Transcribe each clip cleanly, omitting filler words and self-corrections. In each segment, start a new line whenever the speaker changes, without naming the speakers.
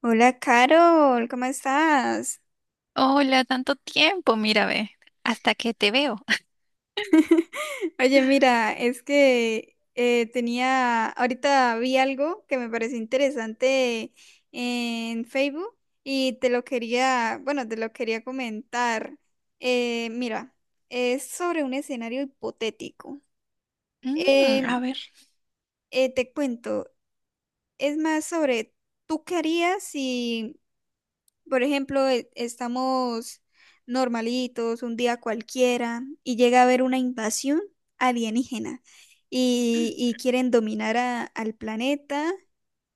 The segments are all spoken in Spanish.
Hola, Carol, ¿cómo estás?
Hola, tanto tiempo, mira, ve, hasta que te veo.
Oye, mira, es que tenía, ahorita vi algo que me pareció interesante en Facebook y te lo quería, bueno, te lo quería comentar. Mira, es sobre un escenario hipotético.
Mm, a
Em,
ver,
Te cuento, es más sobre, ¿tú qué harías si? Por ejemplo, estamos normalitos, un día cualquiera, y llega a haber una invasión alienígena y quieren dominar al planeta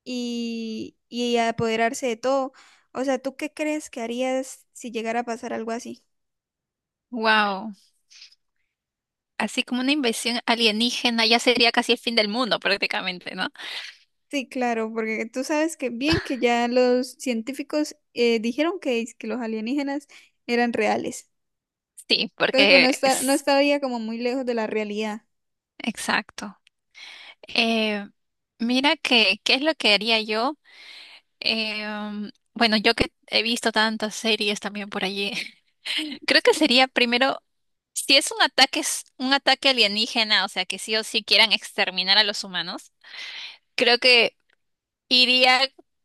y apoderarse de todo. O sea, ¿tú qué crees que harías si llegara a pasar algo así?
wow, así como una invasión alienígena ya sería casi el fin del mundo prácticamente, ¿no?
Sí, claro, porque tú sabes que bien que ya los científicos dijeron que, que los alienígenas eran reales.
Sí,
Entonces, bueno,
porque
no
es
estaría como muy lejos de la realidad.
exacto. Eh, mira que, ¿qué es lo que haría yo? Bueno, yo que he visto tantas series también por allí, creo que sería primero, si es un ataque, es un ataque alienígena, o sea, que sí o sí quieran exterminar a los humanos. Creo que iría,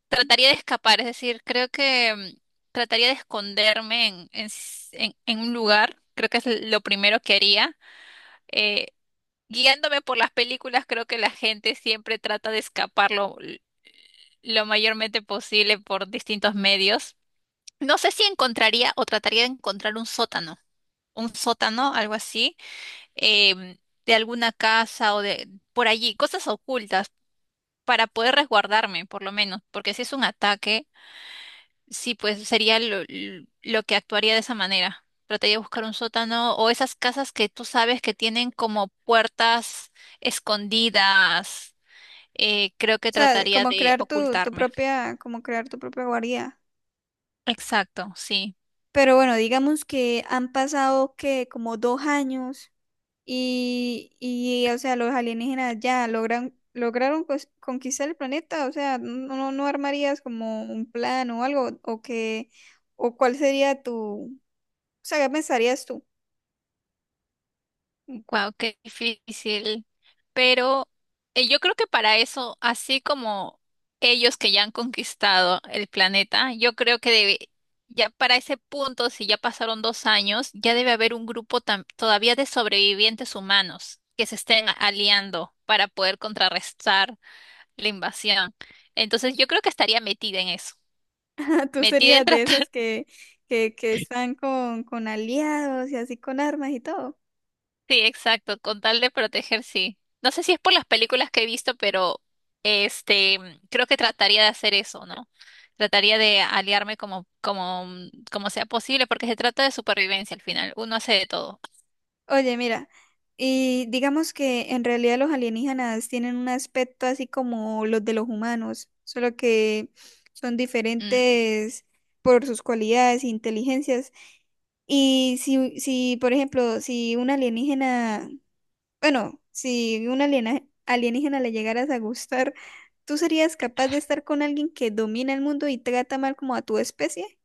trataría de escapar, es decir, creo que trataría de esconderme en un lugar, creo que es lo primero que haría. Eh, guiándome por las películas, creo que la gente siempre trata de escapar lo mayormente posible por distintos medios. No sé si encontraría o trataría de encontrar un sótano, algo así, em, de alguna casa o de por allí, cosas ocultas para poder resguardarme, por lo menos, porque si es un ataque. Sí, pues sería lo que actuaría de esa manera. Trataría de buscar un sótano o esas casas que tú sabes que tienen como puertas escondidas. Creo que
O sea,
trataría
como
de
crear tu
ocultarme.
propia, como crear tu propia guarida.
Exacto, sí.
Pero bueno, digamos que han pasado que como dos años y o sea, los alienígenas ya lograron conquistar el planeta. O sea, no, no no armarías como un plan o algo, o que, o cuál sería tu, o sea, ¿qué pensarías tú?
Wow, qué difícil. Pero yo creo que para eso, así como ellos que ya han conquistado el planeta, yo creo que debe, ya para ese punto, si ya pasaron 2 años, ya debe haber un grupo todavía de sobrevivientes humanos que se estén aliando para poder contrarrestar la invasión. Entonces yo creo que estaría metida en eso,
Tú
metida
serías de
en
esas que están con aliados y así con armas y todo.
Sí, exacto, con tal de proteger, sí. No sé si es por las películas que he visto, pero este, creo que trataría de hacer eso, ¿no? Trataría de aliarme como sea posible, porque se trata de supervivencia al final. Uno hace de todo.
Oye, mira, y digamos que en realidad los alienígenas tienen un aspecto así como los de los humanos, solo que son
Mm,
diferentes por sus cualidades e inteligencias. Y si, por ejemplo, si un alienígena bueno, si un alienígena le llegaras a gustar, ¿tú serías capaz de estar con alguien que domina el mundo y trata mal como a tu especie?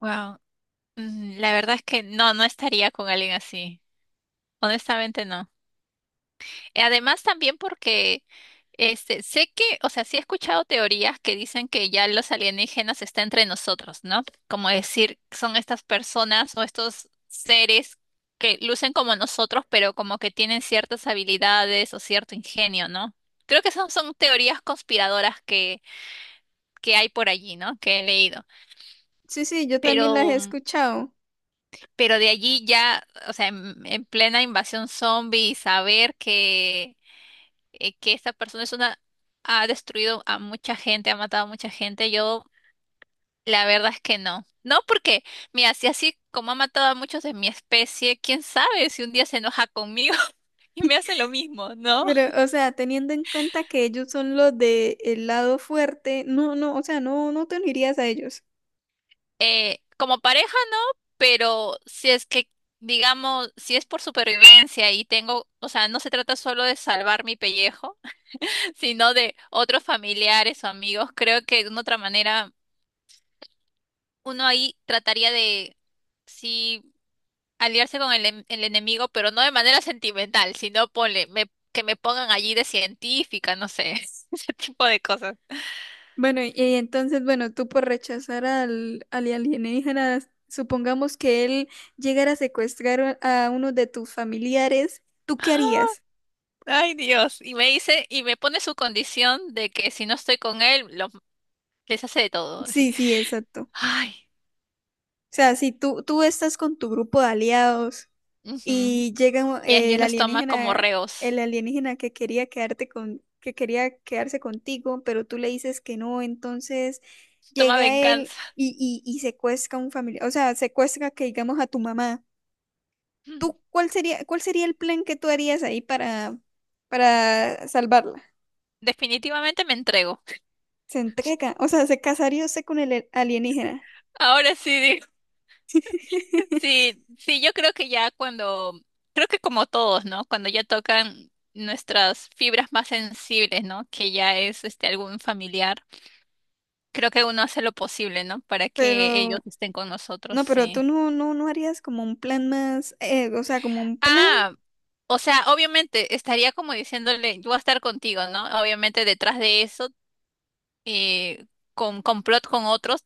wow. Mm, la verdad es que no, no estaría con alguien así. Honestamente, no. Además, también porque sé que, o sea, sí he escuchado teorías que dicen que ya los alienígenas están entre nosotros, ¿no? Como decir, son estas personas o estos seres que lucen como nosotros, pero como que tienen ciertas habilidades o cierto ingenio, ¿no? Creo que esas son teorías conspiradoras que hay por allí, ¿no? Que he leído.
Sí, sí, yo
Pero,
también las he escuchado.
pero, de allí ya, o sea, en plena invasión zombie, saber que esta persona es una, ha destruido a mucha gente, ha matado a mucha gente, yo la verdad es que no. No, porque, mira, si así como ha matado a muchos de mi especie, quién sabe si un día se enoja conmigo y me hace lo mismo, ¿no?
Pero, o sea, teniendo en cuenta que ellos son los de el lado fuerte, no, no, o sea, no, no te unirías a ellos.
Como pareja, no, pero si es que, digamos, si es por supervivencia y tengo, o sea, no se trata solo de salvar mi pellejo, sino de otros familiares o amigos, creo que de una otra manera uno ahí trataría de, si aliarse con el enemigo, pero no de manera sentimental, sino ponle, que me pongan allí de científica, no sé, ese tipo de cosas.
Bueno, y entonces, bueno, tú por rechazar al alienígena, supongamos que él llegara a secuestrar a uno de tus familiares, ¿tú qué harías?
Ay, Dios. Y me dice, y me pone su condición de que si no estoy con él, les hace de todo, así.
Sí, sí, exacto. O
Ay.
sea, si tú estás con tu grupo de aliados
Ujú.
y llega
Y ellos los toma como reos.
el alienígena que quería quedarte con, que quería quedarse contigo, pero tú le dices que no, entonces
Toma
llega él
venganza.
y secuestra a un familiar, o sea, secuestra que digamos a tu mamá.
Mm.
¿Tú cuál cuál sería el plan que tú harías ahí para salvarla?
Definitivamente me entrego.
Se entrega, o sea, se casaría usted con el alienígena.
Ahora sí. Sí, sí, yo creo que ya cuando, creo que como todos, ¿no? Cuando ya tocan nuestras fibras más sensibles, ¿no? Que ya es algún familiar, creo que uno hace lo posible, ¿no? Para que ellos
Pero,
estén con nosotros,
no, pero tú
sí.
no, no, no harías como un plan más, o sea, como un plan.
Ah, o sea, obviamente estaría como diciéndole, yo voy a estar contigo, ¿no? Obviamente detrás de eso, eh, con complot con otros,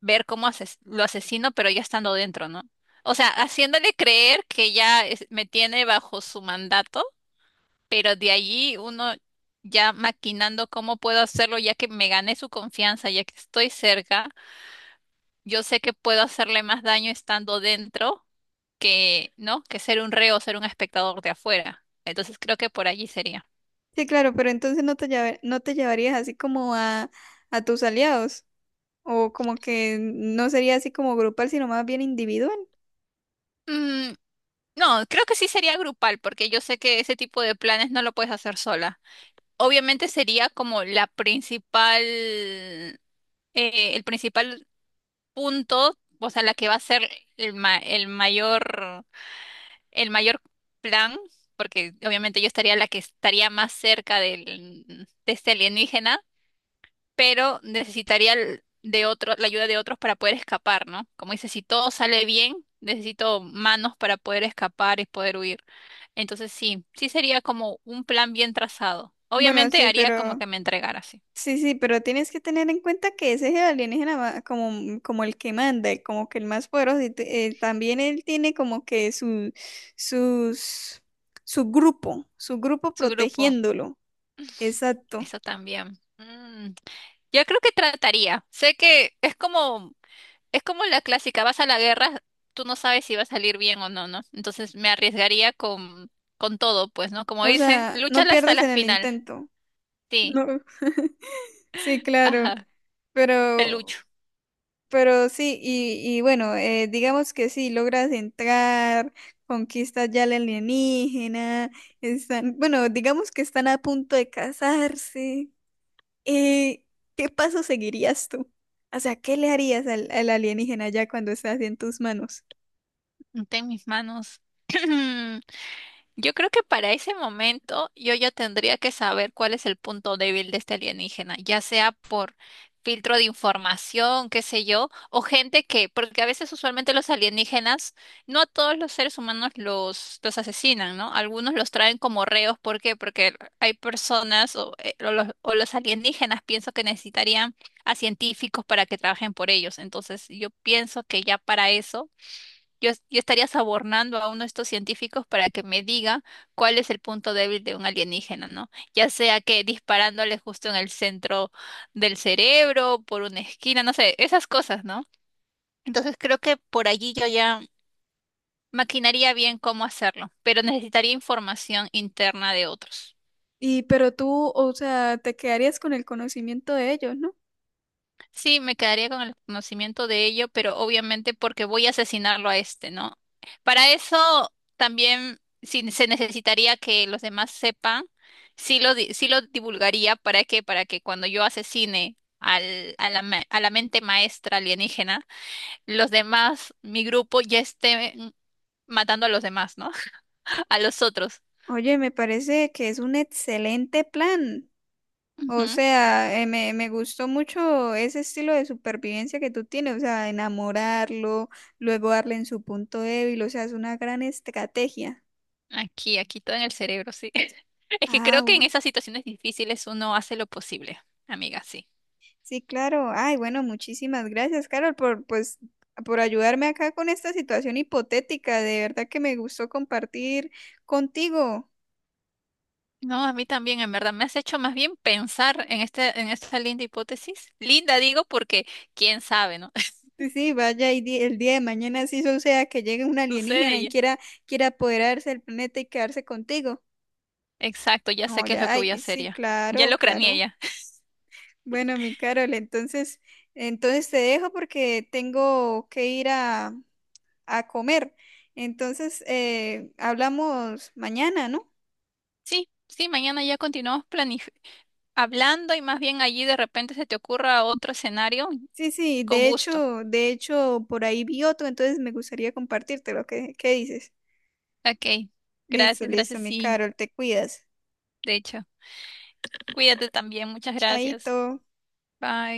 ver cómo lo asesino, pero ya estando dentro, ¿no? O sea, haciéndole creer que ya me tiene bajo su mandato, pero de allí uno ya maquinando cómo puedo hacerlo, ya que me gané su confianza, ya que estoy cerca, yo sé que puedo hacerle más daño estando dentro que, ¿no? Que ser un reo, ser un espectador de afuera. Entonces creo que por allí sería.
Sí, claro, pero entonces no te llevarías así como a tus aliados, o como que no sería así como grupal, sino más bien individual.
Mm, no, creo que sí sería grupal, porque yo sé que ese tipo de planes no lo puedes hacer sola. Obviamente sería como la principal, el principal punto, o sea, la que va a ser el ma- el mayor el mayor plan, porque obviamente yo estaría la que estaría más cerca del, de este alienígena, pero necesitaría de otro, la ayuda de otros para poder escapar, ¿no? Como dice, si todo sale bien, necesito manos para poder escapar y poder huir. Entonces sí, sí sería como un plan bien trazado.
Bueno,
Obviamente
sí,
haría como
pero
que me entregara, sí.
sí, sí, pero tienes que tener en cuenta que ese es el alienígena como, mm, como el que manda, como que el más poderoso, también él tiene como que sus, su grupo
Su grupo,
protegiéndolo. Exacto.
eso también. Mm. Yo creo que trataría. Sé que es como la clásica, vas a la guerra, tú no sabes si va a salir bien o no, ¿no? Entonces me arriesgaría con todo, pues, ¿no? Como
O
dicen,
sea, no
lúchala hasta
pierdas
la
en el
final.
intento.
Sí,
No. Sí, claro,
ajá, te lucho.
pero Pero sí, y bueno, digamos que sí, logras entrar, conquistas ya la alienígena, están, bueno, digamos que están a punto de casarse. Eh, ¿Qué paso seguirías tú? O sea, ¿qué le harías al alienígena ya cuando estás en tus manos?
Ten mis manos. Yo creo que para ese momento yo ya tendría que saber cuál es el punto débil de este alienígena, ya sea por filtro de información, qué sé yo, o gente que, porque a veces usualmente los alienígenas, no a todos los seres humanos los asesinan, ¿no? Algunos los traen como reos, ¿por qué? Porque hay personas o los alienígenas pienso que necesitarían a científicos para que trabajen por ellos. Entonces yo pienso que ya para eso yo estaría sobornando a uno de estos científicos para que me diga cuál es el punto débil de un alienígena, ¿no? Ya sea que disparándole justo en el centro del cerebro, por una esquina, no sé, esas cosas, ¿no? Entonces creo que por allí yo ya maquinaría bien cómo hacerlo, pero necesitaría información interna de otros.
Y pero tú, o sea, te quedarías con el conocimiento de ellos, ¿no?
Sí, me quedaría con el conocimiento de ello, pero obviamente porque voy a asesinarlo a este, ¿no? Para eso también si se necesitaría que los demás sepan, sí lo divulgaría para que, cuando yo asesine al, a la, ma- a la mente maestra alienígena, los demás, mi grupo ya estén matando a los demás, ¿no? A los otros.
Oye, me parece que es un excelente plan. O
Ujú.
sea, me gustó mucho ese estilo de supervivencia que tú tienes, o sea, enamorarlo, luego darle en su punto débil, o sea, es una gran estrategia.
Aquí, aquí todo en el cerebro, sí. Es que
Ah,
creo que en
bu-
esas situaciones difíciles uno hace lo posible, amiga, sí.
sí, claro. Ay, bueno, muchísimas gracias, Carol, por, pues, por ayudarme acá con esta situación hipotética. De verdad que me gustó compartir contigo.
No, a mí también, en verdad, me has hecho más bien pensar en en esta linda hipótesis. Linda digo porque quién sabe, ¿no?
Sí, sí, vaya, el día de mañana sí suceda que llegue un
Sucede
alienígena y
ya.
quiera, quiera apoderarse del planeta y quedarse contigo.
Exacto, ya sé
No,
qué es lo
ya,
que voy a
ay,
hacer
sí,
ya. Ya
claro,
lo craneé
claro.
ya.
Bueno, mi Carol, entonces, entonces te dejo porque tengo que ir a comer. Entonces, hablamos mañana, ¿no?
Sí, sí, mañana ya continuamos planif hablando y más bien allí de repente se te ocurra otro escenario,
Sí, sí,
con gusto.
de hecho, por ahí vi otro, entonces me gustaría compartírtelo. Qué dices?
Ok,
Listo,
gracias,
listo,
gracias,
mi
sí,
Carol, te cuidas.
de hecho. Cuídate también, muchas gracias.
Chaito.
Bye.